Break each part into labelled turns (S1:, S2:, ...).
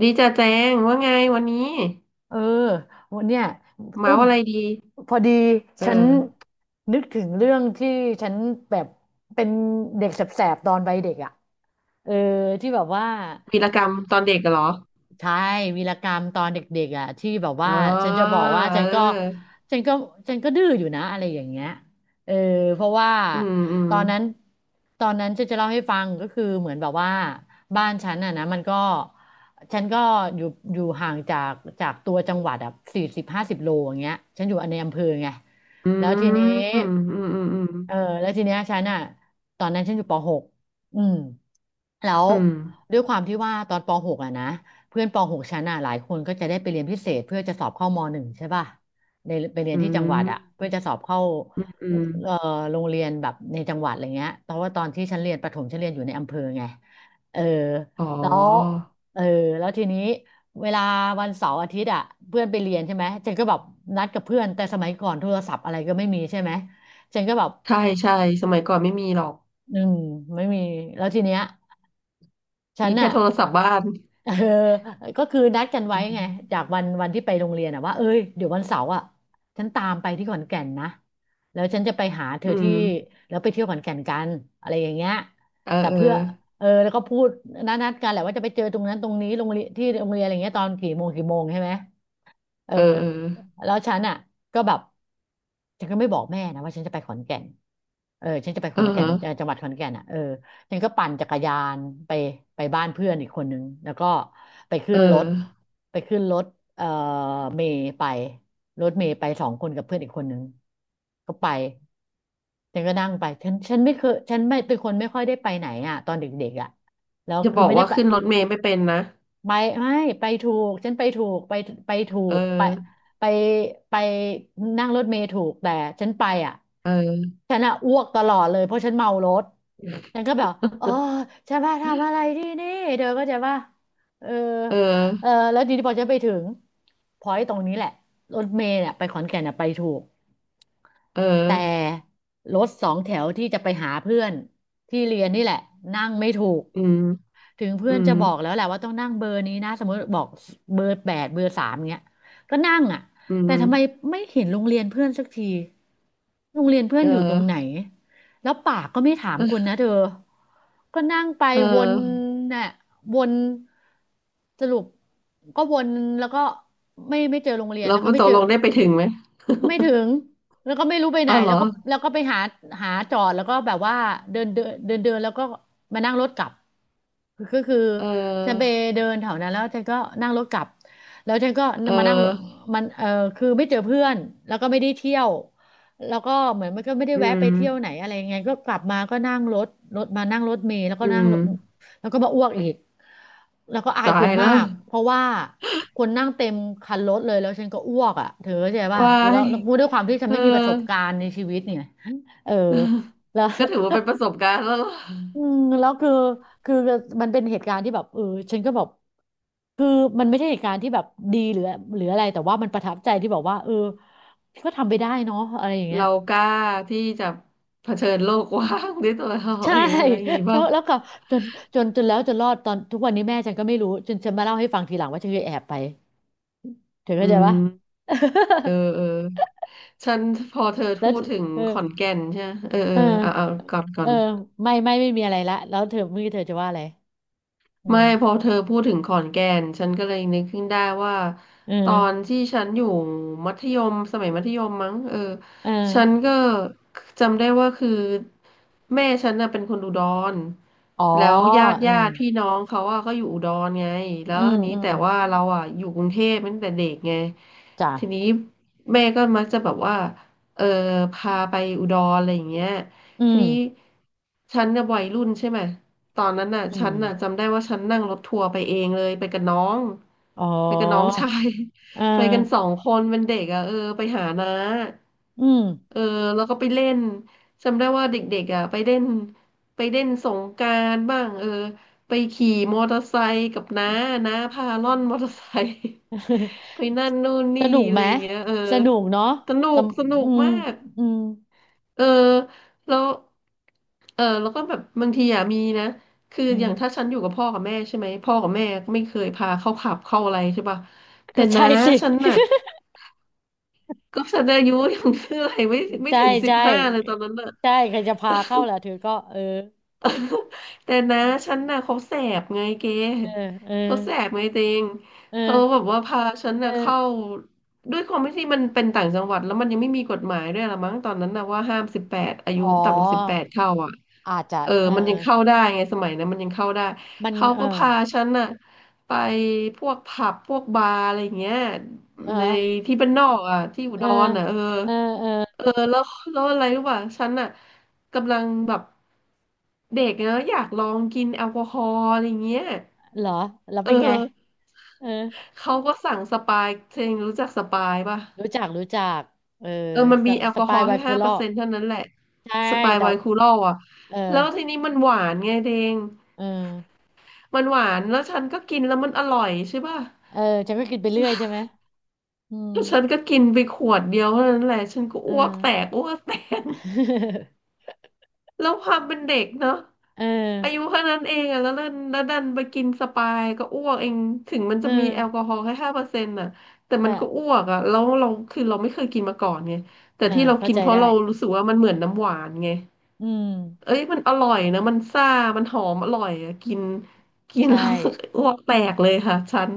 S1: ดีจ้าแจงว่าไงวันนี้
S2: เออวันเนี้ย
S1: เมา
S2: ตุ้ม
S1: อะไรดี
S2: พอดี
S1: เอ
S2: ฉัน
S1: อ
S2: นึกถึงเรื่องที่ฉันแบบเป็นเด็กแสบๆตอนวัยเด็กอ่ะเออที่แบบว่า
S1: วีรกรรมตอนเด็กเหรอ
S2: ใช่วีรกรรมตอนเด็กๆอ่ะที่แบบ
S1: อ๋
S2: ว่า
S1: อ
S2: ฉันจะบอกว่าฉันก็
S1: เออ
S2: ฉันก็ฉันก็ดื้ออยู่นะอะไรอย่างเงี้ยเออเพราะว่า
S1: อืมอืม
S2: ตอนนั้นตอนนั้นฉันจะเล่าให้ฟังก็คือเหมือนแบบว่าบ้านฉันอ่ะนะมันก็ฉันก็อยู่ห่างจากจากตัวจังหวัดอ่ะ40-50 โลอย่างเงี้ยฉันอยู่ในอำเภอไง
S1: อื
S2: แล้วทีนี้
S1: มอืมอื
S2: เออ
S1: ม
S2: แล้วทีเนี้ยฉันอ่ะตอนนั้นฉันอยู่ปหกอืม แล้ว
S1: อืม
S2: ด้วยความที่ว่าตอนป .6 อะนะเพื่อนป .6 ชั้นอ่ะหลายคนก็จะได้ไปเรียนพิเศษเพื่อจะสอบเข้าม.1ใช่ป่ะในไปเรีย
S1: อื
S2: นที่จังหวั
S1: ม
S2: ดอะเพื่อจะสอบเข้า
S1: อืมอืม
S2: เอ่อโรงเรียนแบบในจังหวัดอะไรเงี้ยเพราะว่าตอนที่ฉันเรียนประถมฉันเรียนอยู่ในอำเภอไงเออ
S1: อ๋อ
S2: แล้วเออแล้วทีนี้เวลาวันเสาร์อาทิตย์อ่ะเพื่อนไปเรียนใช่ไหมฉันก็แบบนัดกับเพื่อนแต่สมัยก่อนโทรศัพท์อะไรก็ไม่มีใช่ไหมฉันก็แบบ
S1: ใช่ใช่สมัยก่อนไม่มีหรอก
S2: อืมไม่มีแล้วทีเนี้ยฉั
S1: มี
S2: น
S1: แค่
S2: น่ะ
S1: โทรศัพท์บ้าน
S2: เออก็คือนัดกันไว้
S1: อื
S2: ไง
S1: ม
S2: จากวันวันที่ไปโรงเรียนอะว่าเอ้ยเดี๋ยววันเสาร์อะฉันตามไปที่ขอนแก่นนะแล้วฉันจะไปหาเธอ
S1: อื
S2: ที่
S1: ม
S2: แล้วไปเที่ยวขอนแก่นกันอะไรอย่างเงี้ย
S1: เออ
S2: แต่
S1: เออ
S2: เพื่อเออแล้วก็พูดนัดกันแหละว่าจะไปเจอตรงนั้นตรงนี้โรงเรียนที่โรงเรียนอะไรเงี้ยตอนกี่โมงกี่โมงใช่ไหม เออ
S1: เออเออ
S2: แล้วฉันอ่ะก็แบบฉันก็ไม่บอกแม่นะว่าฉันจะไปขอนแก่นเออฉันจะไปข
S1: เอ
S2: อ
S1: อ
S2: นแก่น
S1: ฮะ
S2: จังหวัดขอนแก่นอ่ะเออฉันก็ปั่นจักรยานไปไปบ้านเพื่อนอีกคนนึงแล้วก็ไปขึ้
S1: เออ
S2: นรถไปขึ้นรถเอ่อเมย์ไปรถเมย์ไปสองคนกับเพื่อนอีกคนนึงก็ไปฉันก็นั่งไปฉันไม่เคยฉันไม่เป็นคนไม่ค่อยได้ไปไหนอ่ะตอนเด็กๆอ่ะแล้ว
S1: จะ
S2: คื
S1: บ
S2: อ
S1: อก
S2: ไม่ได้
S1: ว่า
S2: ไป
S1: ขึ้นรถเมล์ไม่เป็นนะ
S2: ไปไม่ไปถูกฉันไปถูกไปไปถู
S1: เ
S2: กไป
S1: ออ
S2: ไปไปนั่งรถเมล์ถูกแต่ฉันไปอ่ะ
S1: เออ
S2: ฉันอ่ะอ้วกตลอดเลยเพราะฉันเมารถฉันก็แบบเออฉันมาทำอะไรที่นี่เธอก็จะว่าใจปะเออ
S1: เออ
S2: เออแล้วทีนี้พอฉันไปถึงพอยตรงนี้แหละรถเมล์เนี่ยไปขอนแก่นเนี่ยไปถูก
S1: เออ
S2: แต่รถสองแถวที่จะไปหาเพื่อนที่เรียนนี่แหละนั่งไม่ถูก
S1: อืม
S2: ถึงเพื่
S1: อื
S2: อน
S1: ม
S2: จะบอกแล้วแหละว่าต้องนั่งเบอร์นี้นะสมมติบอกเบอร์ 8เบอร์ 3เงี้ยก็นั่งอ่ะ
S1: อื
S2: แต่
S1: ม
S2: ทำไมไม่เห็นโรงเรียนเพื่อนสักทีโรงเรียนเพื่อ
S1: เอ
S2: นอยู่ตรงไหน
S1: อ
S2: แล้วปากก็ไม่ถามคุณนะเธอก็นั่งไป
S1: เ
S2: วน
S1: ออ
S2: น่ะวนสรุปก็วนแล้วก็ไม่เจอโรงเรียน
S1: แล้
S2: แล้
S1: ว
S2: วก็ไม่
S1: ตก
S2: เจอ
S1: ลงได้ไปถึงไหม
S2: ไม่ถึงแล้วก็ไม่รู้ไปไหน
S1: อ้าวเหร
S2: แล้
S1: อ
S2: วก็ไปหาหาจอดแล้วก็แบบว่าเดินเดินเดินเดินแล้วก็มานั่งรถกลับคือก็คือ
S1: เอ
S2: ฉันไป
S1: อ
S2: เดินแถวนั้นแล้วฉันก็นั่งรถกลับแล้วฉันก็
S1: เอ
S2: มานั่งรถ
S1: อ
S2: มันเออคือไม่เจอเพื่อนแล้วก็ไม่ได้เที่ยว แล้วก็เหมือนมันก็ไม่ได้
S1: อื
S2: แวะไป
S1: ม
S2: เที่ยวไหนอะไรยังไงก็กลับมาก็นั่งรถรถมานั่งรถเมล์แล้วก็
S1: อื
S2: นั่ง
S1: ม
S2: รถแล้วก็มาอ้วกอีกแล้วก็อาย
S1: ตา
S2: ค
S1: ย
S2: น
S1: แล้
S2: มา
S1: ว
S2: กเพราะว่าคนนั่งเต็มคันรถเลยแล้วฉันก็อ้วกอ่ะเธอเข้าใจป่ะ
S1: วา
S2: แล้ว
S1: ย
S2: แล้วด้วยความที่ฉั
S1: เอ
S2: น
S1: อ
S2: ไม่มีประสบการณ์ในชีวิตเนี่ยเออแล้ว
S1: ก็ถือว่าเป็นประสบการณ์แล้วล่ะ
S2: อืมแล้วคือคือมันเป็นเหตุการณ์ที่แบบเออฉันก็แบบคือมันไม่ใช่เหตุการณ์ที่แบบดีหรือหรืออะไรแต่ว่ามันประทับใจที่บอกว่าเออก็ทำไปได้เนาะอะไรอย่างเงี้ย
S1: เรากล้าที่จะเผชิญโลกกว้างด้วยตัวเรา
S2: ใช่
S1: เองอะไรอย่าง งี้
S2: แล้
S1: ป่ะ
S2: วแล้วก็จนจนแล้วจนรอดตอนทุกวันนี้แม่ฉันก็ไม่รู้จนฉันมาเล่าให้ฟังทีหลังว่าฉันเคยแอบไปเธอ
S1: อื
S2: เข้าใจ
S1: ม
S2: ปะ
S1: เออเออฉันพอเธอ
S2: แล้ว
S1: พูดถึง
S2: เออ
S1: ขอนแก่นใช่ไหมเออเออ
S2: เอ
S1: เอาเอา
S2: อ
S1: ก่อนก่อ
S2: เออ
S1: น
S2: ไม่มีอะไรละแล้วเธอเมื่อกี้เธอจะว่าอะไรอื
S1: ไม่
S2: ม
S1: พอเธอพูดถึงขอนแก่นฉันก็เลยนึกขึ้นได้ว่า
S2: เออ
S1: ตอนที่ฉันอยู่มัธยมสมัยมัธยมมั้งเออ
S2: เ
S1: ฉัน
S2: ออ
S1: ก็จำได้ว่าคือแม่ฉันน่ะเป็นคนอุดร
S2: อ๋อ
S1: แล้วญาติ
S2: อื
S1: ญา
S2: ม
S1: ติพี่น้องเขาอ่ะก็อยู่อุดรไงแล้
S2: อื
S1: ว
S2: ม
S1: ทีนี้
S2: อืม
S1: แต่ว่าเราอ่ะอยู่กรุงเทพตั้งแต่เด็กไง
S2: จ้ะ
S1: ทีนี้แม่ก็มักจะแบบว่าเออพาไปอุดรอะไรอย่างเงี้ย
S2: อื
S1: ที
S2: ม
S1: นี้ฉันเนี่ยวัยรุ่นใช่ไหม ตอนนั้นน่ะ
S2: อื
S1: ฉันน่ะ
S2: ม
S1: จำได้ว่าฉันนั่งรถทัวร์ไปเองเลยไปกับน้อง
S2: อ๋อ
S1: ไปกับน้องชาย
S2: เออ
S1: ไปกันสองคนเป็นเด็กอ่ะเออไปหาน้า
S2: อืม
S1: เออแล้วก็ไปเล่นจำได้ว่าเด็กๆอ่ะไปเล่นไปเล่นสงกรานต์บ้างเออไปขี่มอเตอร์ไซค์กับน้าน้าพาล่อนมอเตอร์ไซค์ ไปนั่นนู่น
S2: ส
S1: นี่
S2: นุก
S1: อะ
S2: ไห
S1: ไร
S2: ม
S1: อย่างเงี้ยเออ
S2: สนุกเนาะ
S1: สนุ
S2: ส
S1: กสนุ
S2: ำอื
S1: ก
S2: ม
S1: มาก
S2: อืม
S1: เออแล้วเออแล้วก็แบบบางทีอ่ะมีนะคือ
S2: อื
S1: อ
S2: ม
S1: ย่างถ้าฉันอยู่กับพ่อกับแม่ใช่ไหมพ่อกับแม่ก็ไม่เคยพาเข้าผับเข้าอะไรใช่ป่ะแต่
S2: ก็ใช่
S1: น้า
S2: สิ
S1: ฉันน่ะก็ฉันอายุยัง คืออะไรไม่ ไม่
S2: ใช่
S1: ถึงสิบ
S2: ใช่
S1: ห้าเลยตอนนั้นน่ะ
S2: ใช่ใครจะพาเข้าล่ะเธอก็เออ
S1: แต่นะฉันน่ะเขาแสบไงเก
S2: เออเออ
S1: เขาแสบไงจริง
S2: เออ
S1: เขาแบบว่าพาฉัน
S2: เอ
S1: น่ะ
S2: อ
S1: เข้าด้วยความที่มันเป็นต่างจังหวัดแล้วมันยังไม่มีกฎหมายด้วยละมั้งตอนนั้นน่ะว่าห้ามสิบแปดอายุ
S2: อ๋อ
S1: ต่ำกว่าสิบแปดเข้าอ่ะ
S2: อาจจะ
S1: เออ
S2: เอ
S1: มัน
S2: อ
S1: ยังเข้าได้ไงสมัยนั้นมันยังเข้าได้
S2: มัน
S1: เขา
S2: เออ
S1: ก็พาฉันน่ะไปพวกผับพวกบาร์อะไรอย่างเงี้ย
S2: เอ
S1: ใน
S2: อ
S1: ที่บ้านนอกอ่ะที่อุ
S2: เอ
S1: ด
S2: อ
S1: รอ่ะเออ
S2: เออเออ
S1: เออแล้วอะไรรู้ป่ะฉันน่ะ กำลังแบบเด็กนะอยากลองกินแอลกอฮอล์อะไรเงี้ย
S2: เหรอแล้ว
S1: เอ
S2: เป็
S1: อ
S2: นไงเออ
S1: เขาก็สั่งสปายเชงรู้จักสปายป่ะ
S2: รู้จักรู้จักเออ
S1: เออมัน
S2: ส
S1: มีแอล
S2: ส
S1: กอฮ
S2: ปา
S1: อ
S2: ย
S1: ล์
S2: ไว
S1: ให้
S2: โค
S1: ห้า
S2: ล
S1: เป
S2: อ
S1: อร์เซ็นต์เท่านั้นแหละ
S2: ใช่
S1: สปาย
S2: แต่
S1: ไวน์คูลอลอ่ะ
S2: เออ
S1: แล้วทีนี้มันหวานไงเดง
S2: เออ
S1: มันหวานแล้วฉันก็กินแล้วมันอร่อยใช่ป่ะ
S2: เออฉันก็กินไปเรื่อยใช่ไหมอืม
S1: แล้วฉันก็กินไปขวดเดียวเท่านั้นแหละฉันก็
S2: เออ
S1: อ้วกแตกอ้วกแตก แล้วความเป็นเด็กเนาะ
S2: เออ
S1: อายุแค่นั้นเองอะแล้วดันไปกินสปายก็อ้วกเองถึงมัน
S2: เอ
S1: จะมี
S2: อ
S1: แอลกอฮอล์แค่ห้าเปอร์เซ็นต์อะแต่มั
S2: ใช่
S1: นก็อ้วกอะแล้วเราคือเราไม่เคยกินมาก่อนไงแต่
S2: อ่า
S1: ที่เรา
S2: เข้า
S1: กิน
S2: ใจ
S1: เพราะ
S2: ได้
S1: เรารู้สึกว่ามันเหมือนน้ำหวานไง
S2: อืม
S1: เอ้ยมันอร่อยนะมันซ่ามันหอมอร่อยอะกินกิน
S2: ใช่
S1: แล้ว อ้วกแตกเลยค่ะฉัน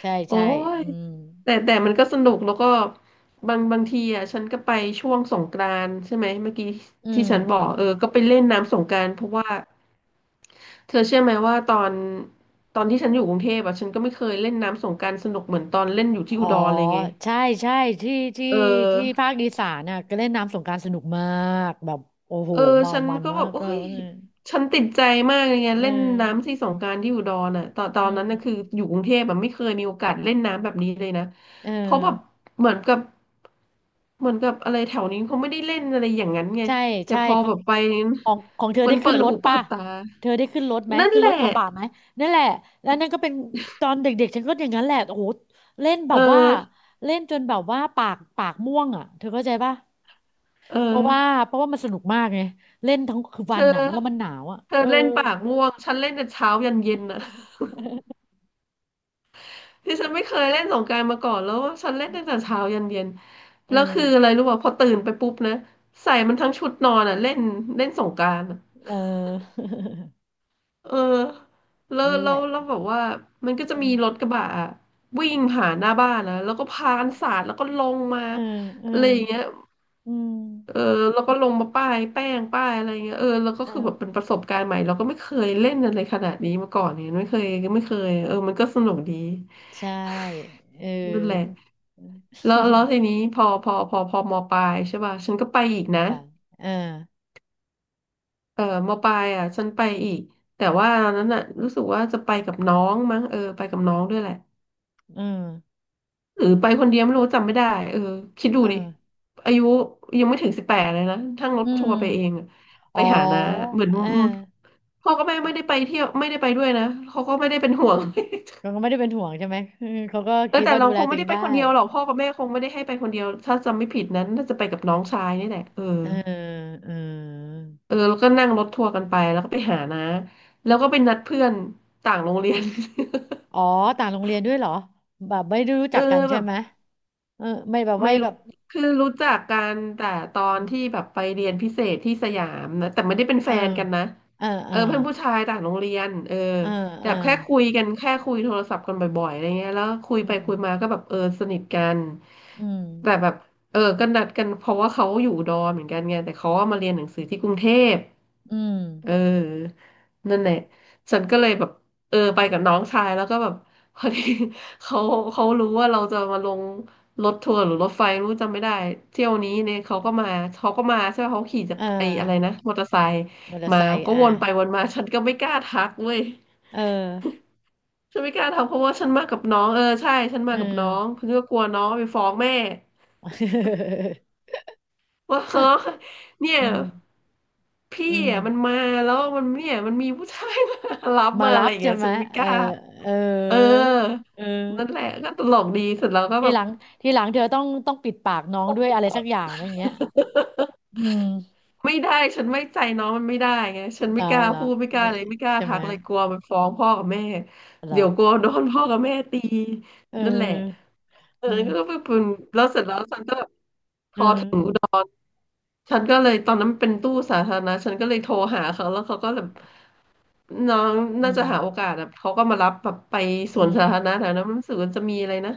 S2: ใช่
S1: โอ้
S2: ใช่
S1: ย
S2: อืม
S1: แต่มันก็สนุกแล้วก็บางทีอ่ะฉันก็ไปช่วงสงกรานต์ใช่ไหมเมื่อกี้
S2: อื
S1: ที่
S2: ม
S1: ฉันบอกเออก็ไปเล่นน้ำสงกรานต์เพราะว่าเธอเชื่อไหมว่าตอนที่ฉันอยู่กรุงเทพอ่ะฉันก็ไม่เคยเล่นน้ำสงกรานต์สนุกเหมือนตอนเล่นอยู่ที่
S2: อ๋
S1: อุ
S2: อ
S1: ดรเลยไง
S2: ใช่ใช่ที่ที่
S1: เออ
S2: ที่ภาคอีสานน่ะก็เล่นน้ำสงกรานต์สนุกมากแบบโอ้โห
S1: เออ
S2: เมา
S1: ฉัน
S2: มัน
S1: ก็
S2: มา
S1: แบบ
S2: ก
S1: โอ้
S2: ก็
S1: ย
S2: เออ
S1: ฉันติดใจมากเลยไง
S2: เอ
S1: เล่นน้ำ
S2: อ
S1: ที่สงกรานต์ที่อุดรน่ะตอนนั้นน่ะคืออยู่กรุงเทพแบบไม่เคยมีโอกาสเล่นน้ำแบบนี้เลยนะ
S2: เอ
S1: เพราะแบบ
S2: อ
S1: เหมือนกับเหมือนกับอะไรแถวนี้เขาไม่ได้เล่นอะไรอย่างนั้นไง
S2: ใช่
S1: แต่
S2: ใช่
S1: พอ
S2: ขอ
S1: แบ
S2: ง
S1: บไป
S2: ของของเธอ
S1: มั
S2: ได้
S1: น
S2: ขึ้
S1: เปิ
S2: น
S1: ด
S2: รถ
S1: หูเปิ
S2: ป่ะ
S1: ดตา
S2: เธอได้ขึ้นรถไหม
S1: นั่น
S2: ขึ้น
S1: แห
S2: รถ
S1: ละ
S2: กระบะไหมนั่นแหละแล้วนั่นก็เป็นตอนเด็กๆฉันก็อย่างนั้นแหละโอ้โหเล่นแบ
S1: เออ
S2: บว่าเล่นจนแบบว่าปากปากม่วงอ่ะเธอเข้าใจป่ะ
S1: เอ
S2: เพราะว่า
S1: อ
S2: เพราะว่ามันสนุกมากไงเล่นทั้งคืน
S1: เธ
S2: วันอ่ะมันแล้วมั
S1: อ
S2: นหนาวอ่ะ
S1: เธ
S2: เอ
S1: อ
S2: อ
S1: เล่นปากม่วงฉันเล่นแต่เช้ายันเย็นอ่ะ ที่ฉันไม่เคยเล่นสงกรานต์มาก่อนแล้วฉันเล่นตั้งแต่เช้ายันเย็น
S2: เออ
S1: แล้วคืออะไรรู้ป่ะพอตื่นไปปุ๊บนะใส่มันทั้งชุดนอนอ่ะเล่นเล่นสงกรานต์อะ
S2: เออ
S1: เออแล้ ว
S2: นั่นแห
S1: แล้
S2: ละ
S1: วแล้วแบบว่ามันก็จะ
S2: อื
S1: มี
S2: ม
S1: รถกระบะอะวิ่งผ่านหน้าบ้านนะแล้วก็พากันสาดแล้วก็ลงมา
S2: เออเออ
S1: อะไรอย่างเงี้ย
S2: อืม
S1: เออแล้วก็ลงมาป้ายแป้งป้ายอะไรเงี้ยเออแล้วก็
S2: เอ
S1: คือแบบเป็น
S2: อ
S1: ประสบการณ์ใหม่เราก็ไม่เคยเล่นอะไรขนาดนี้มาก่อนเนี่ยไม่เคยเออมันก็สนุกดี
S2: ใช่เอ
S1: นั่นแหละ
S2: อ
S1: แล้วทีนี้พอมปลายใช่ป่ะฉันก็ไปอีก
S2: หมอ
S1: นะ
S2: ปลาเออ
S1: เออมปลายอ่ะฉันไปอีกแต่ว่าตอนนั้นอ่ะรู้สึกว่าจะไปกับน้องมั้งเออไปกับน้องด้วยแหละ
S2: เออ
S1: หรือไปคนเดียวไม่รู้จำไม่ได้เออคิดดู
S2: เอ
S1: ดิ
S2: อ
S1: อายุยังไม่ถึง18เลยนะทั้งรถ
S2: อื
S1: ทัว
S2: ม
S1: ร์ไปเองอะ
S2: อ๋
S1: ไป
S2: อ
S1: หาน้าเหมือน
S2: เออ
S1: พ่อกับแม่ไม่ได้ไปเที่ยวไม่ได้ไปด้วยนะเขาก็ไม่ได้เป็นห่วง
S2: เขาก็ไม่ได้เป็นห่วงใช่ไหม เออเขาก็
S1: เออ
S2: คิด
S1: แต่
S2: ว่า
S1: เรา
S2: ดูแล
S1: คง
S2: ตัว
S1: ไม่
S2: เอ
S1: ได้
S2: ง
S1: ไป
S2: ได้
S1: คนเดียวหรอกพ่อกับแม่คงไม่ได้ให้ไปคนเดียวถ้าจำไม่ผิดนั้นน่าจะไปกับน้องชายนี่แหละเออ
S2: เออเออ
S1: เออแล้วก็นั่งรถทัวร์กันไปแล้วก็ไปหานะแล้วก็ไปนัดเพื่อนต่างโรงเรียน
S2: อ๋อ ต่างโรงเรียนด้วยเหรอแบบไม่ได้รู้
S1: เออ
S2: จักกัน
S1: แบ
S2: ใช่
S1: บ
S2: ไหมเออไม่แบบไม่
S1: ไม่
S2: แบ
S1: รู้
S2: บ
S1: คือรู้จักกันแต่ตอนที่แบบไปเรียนพิเศษที่สยามนะแต่ไม่ได้เป็น
S2: เอ
S1: แฟ
S2: อ
S1: นกันนะ
S2: เออเอ
S1: เอ
S2: อ
S1: อเพื่อนผู้ชายต่างโรงเรียนเออ
S2: เออ
S1: แต่
S2: เออ
S1: แบบแค่คุยกันแค่คุยโทรศัพท์กันบ่อยๆอะไรเงี้ยแล้วคุย
S2: อื
S1: ไปคุ
S2: ม
S1: ยมาก็แบบเออสนิทกัน
S2: อืม
S1: แต่แบบเออก็นัดกันเพราะว่าเขาอยู่ดอมเหมือนกันไงแต่เขาว่ามาเรียนหนังสือที่กรุงเทพ
S2: อืม
S1: เออนั่นแหละฉันก็เลยแบบเออไปกับน้องชายแล้วก็แบบ พอดี เขาเขารู้ว่าเราจะมาลงรถทัวร์หรือรถไฟไม่รู้จำไม่ได้เที่ยวนี้เนี่ยเขาก็มาเขาก็มาใช่ไหมเขาขี่จา
S2: เอ
S1: ก
S2: อ
S1: ไอ้อะไรนะมอเตอร์ไซค์
S2: มอเตอร์
S1: มา
S2: ไซค์
S1: ก็ว
S2: อ่ะ
S1: นไปวนมาฉันก็ไม่กล้าทักเว้ย
S2: เออ
S1: ฉันไม่กล้าทักเพราะว่าฉันมากับน้องเออใช่ฉันมา
S2: เออ
S1: กับน้องฉันก็กลัวน้องไปฟ้องแม่ ว่าเออเนี่ย
S2: อืม
S1: พี่
S2: อืม
S1: อ่ะมันมาแล้วมันเนี่ยมันมีผู้ชายมารับ
S2: มา
S1: มาอะ
S2: รั
S1: ไร
S2: บ
S1: อย่าง
S2: ใช่
S1: เงี้ย
S2: ไหม
S1: ฉันไม่ก
S2: เอ
S1: ล้า
S2: อเอ
S1: เออ
S2: อเออ
S1: นั่นแหละก็ตลกดีเสร็จแล้วก็
S2: ที
S1: แบ
S2: ห
S1: บ
S2: ลังทีหลังเธอต้องปิดปากน้องด้วยอะไรสักอย่างนะอย่างเงี้ยอืม
S1: ไม่ได้ฉันไม่ใจน้องมันไม่ได้ไงฉัน
S2: เหร
S1: ไม่
S2: อ
S1: กล้า
S2: เหรอ
S1: พูดไม่กล้า
S2: ไม่
S1: เลยไม่กล้า
S2: ใช่
S1: ทั
S2: ไหม
S1: กเลยกลัวมันฟ้องพ่อกับแม่
S2: เหร
S1: เดี๋ยวกลัว
S2: อ
S1: โดนพ่อกับแม่ตี
S2: เออ
S1: นั่นแหละเออ
S2: อืม
S1: ก็เป็นแล้วเสร็จแล้วฉันก็พ
S2: เออ
S1: อถึง ฉันก็เลยตอนนั้นเป็นตู้สาธารณะฉันก็เลยโทรหาเขาแล้วเขาก็แบบน้อง
S2: อื
S1: น่า
S2: ม
S1: จะหาโอกาสอะเขาก็มารับแบบไปส
S2: อื
S1: วน
S2: ม
S1: สาธารณะแถวนั้นมันรู้สึกว่าจะมีอะไรนะ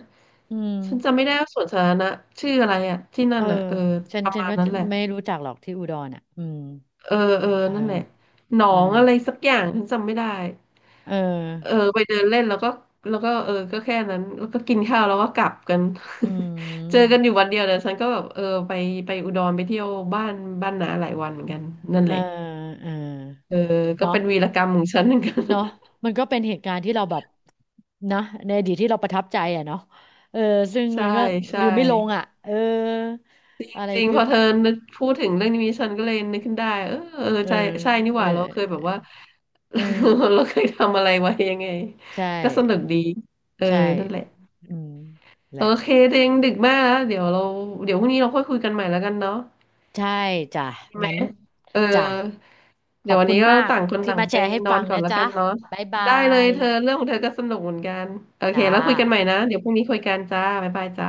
S2: อืม
S1: ฉันจำไม่ได้ว่าสวนสาธารณะชื่ออะไรอะที่นั่
S2: เอ
S1: น
S2: อ
S1: อะเออ
S2: ฉัน
S1: ประ
S2: ฉัน
S1: มาณ
S2: ก็
S1: นั้น
S2: จะ
S1: แหละ
S2: ไม่รู้จักหรอกที่อุดรอ่ะอืม
S1: เออเออ
S2: เออ
S1: นั่นแหละหนอ
S2: เออ
S1: งอะไรสักอย่างฉันจำไม่ได้
S2: เอ
S1: เออ
S2: อ
S1: ไปเดินเล่นแล้วก็เออก็แค่นั้นแล้วก็กินข้าวแล้วก็กลับกัน
S2: อื
S1: เจอกัน
S2: ม
S1: อยู่วันเดียวแต่ฉันก็แบบเออไปอุดรไปเที่ยวบ้านน้าหลายวันเหมือนกันนั่น
S2: เอ
S1: แห
S2: อ
S1: ละ
S2: เออ
S1: เออก็
S2: เนาะ
S1: เป็นวีรกรรมของฉันเหมือนกัน
S2: เนาะมันก็เป็นเหตุการณ์ที่เราแบบนะในอดีตที่เราประทับใจอ่ะเนาะเออซึ่ง มั
S1: ใช่
S2: นก็
S1: ใช่
S2: ลืมไม่ลงอ่ะเอออะไร
S1: จริงพ
S2: ปึ๊บ
S1: อเธอนึกพูดถึงเรื่องนี้ฉันก็เลยนึกขึ้นได้เออเออ
S2: เออ
S1: ใช่ใช่นี่ห
S2: เอ
S1: ว่าเราเคยแบ
S2: อ
S1: บว่า
S2: เออ
S1: เราเคยทำอะไรไว้ยังไง
S2: ใช่
S1: ก็สนุกดีเออ
S2: ใช่
S1: นั่นแหละ
S2: อืมแห
S1: โอ
S2: ละ
S1: เคเดงดึกมากแล้วเดี๋ยวเราเดี๋ยวพรุ่งนี้เราค่อยคุยกันใหม่แล้วกันเนาะ
S2: ใช่จ้ะ
S1: ใช่ไหม
S2: งั้น
S1: เออ
S2: จ้ะ ข
S1: เดี๋
S2: อ
S1: ยว
S2: บ
S1: วัน
S2: คุณ
S1: นี้ก็
S2: มาก
S1: ต่างคน
S2: ที่
S1: ต่าง
S2: มาแช
S1: ไป
S2: ร์ให้
S1: นอ
S2: ฟั
S1: น
S2: ง
S1: ก่อน
S2: นะ
S1: แล้ว
S2: จ๊ะ
S1: กันเนาะ
S2: บ๊ายบา
S1: ได้เลย
S2: ย
S1: เธอเรื่องของเธอก็สนุกเหมือนกันโอเค
S2: จ้า
S1: แล้วคุยกันใหม่นะเดี๋ยวพรุ่งนี้คุยกันจ้าบ๊ายบายจ้า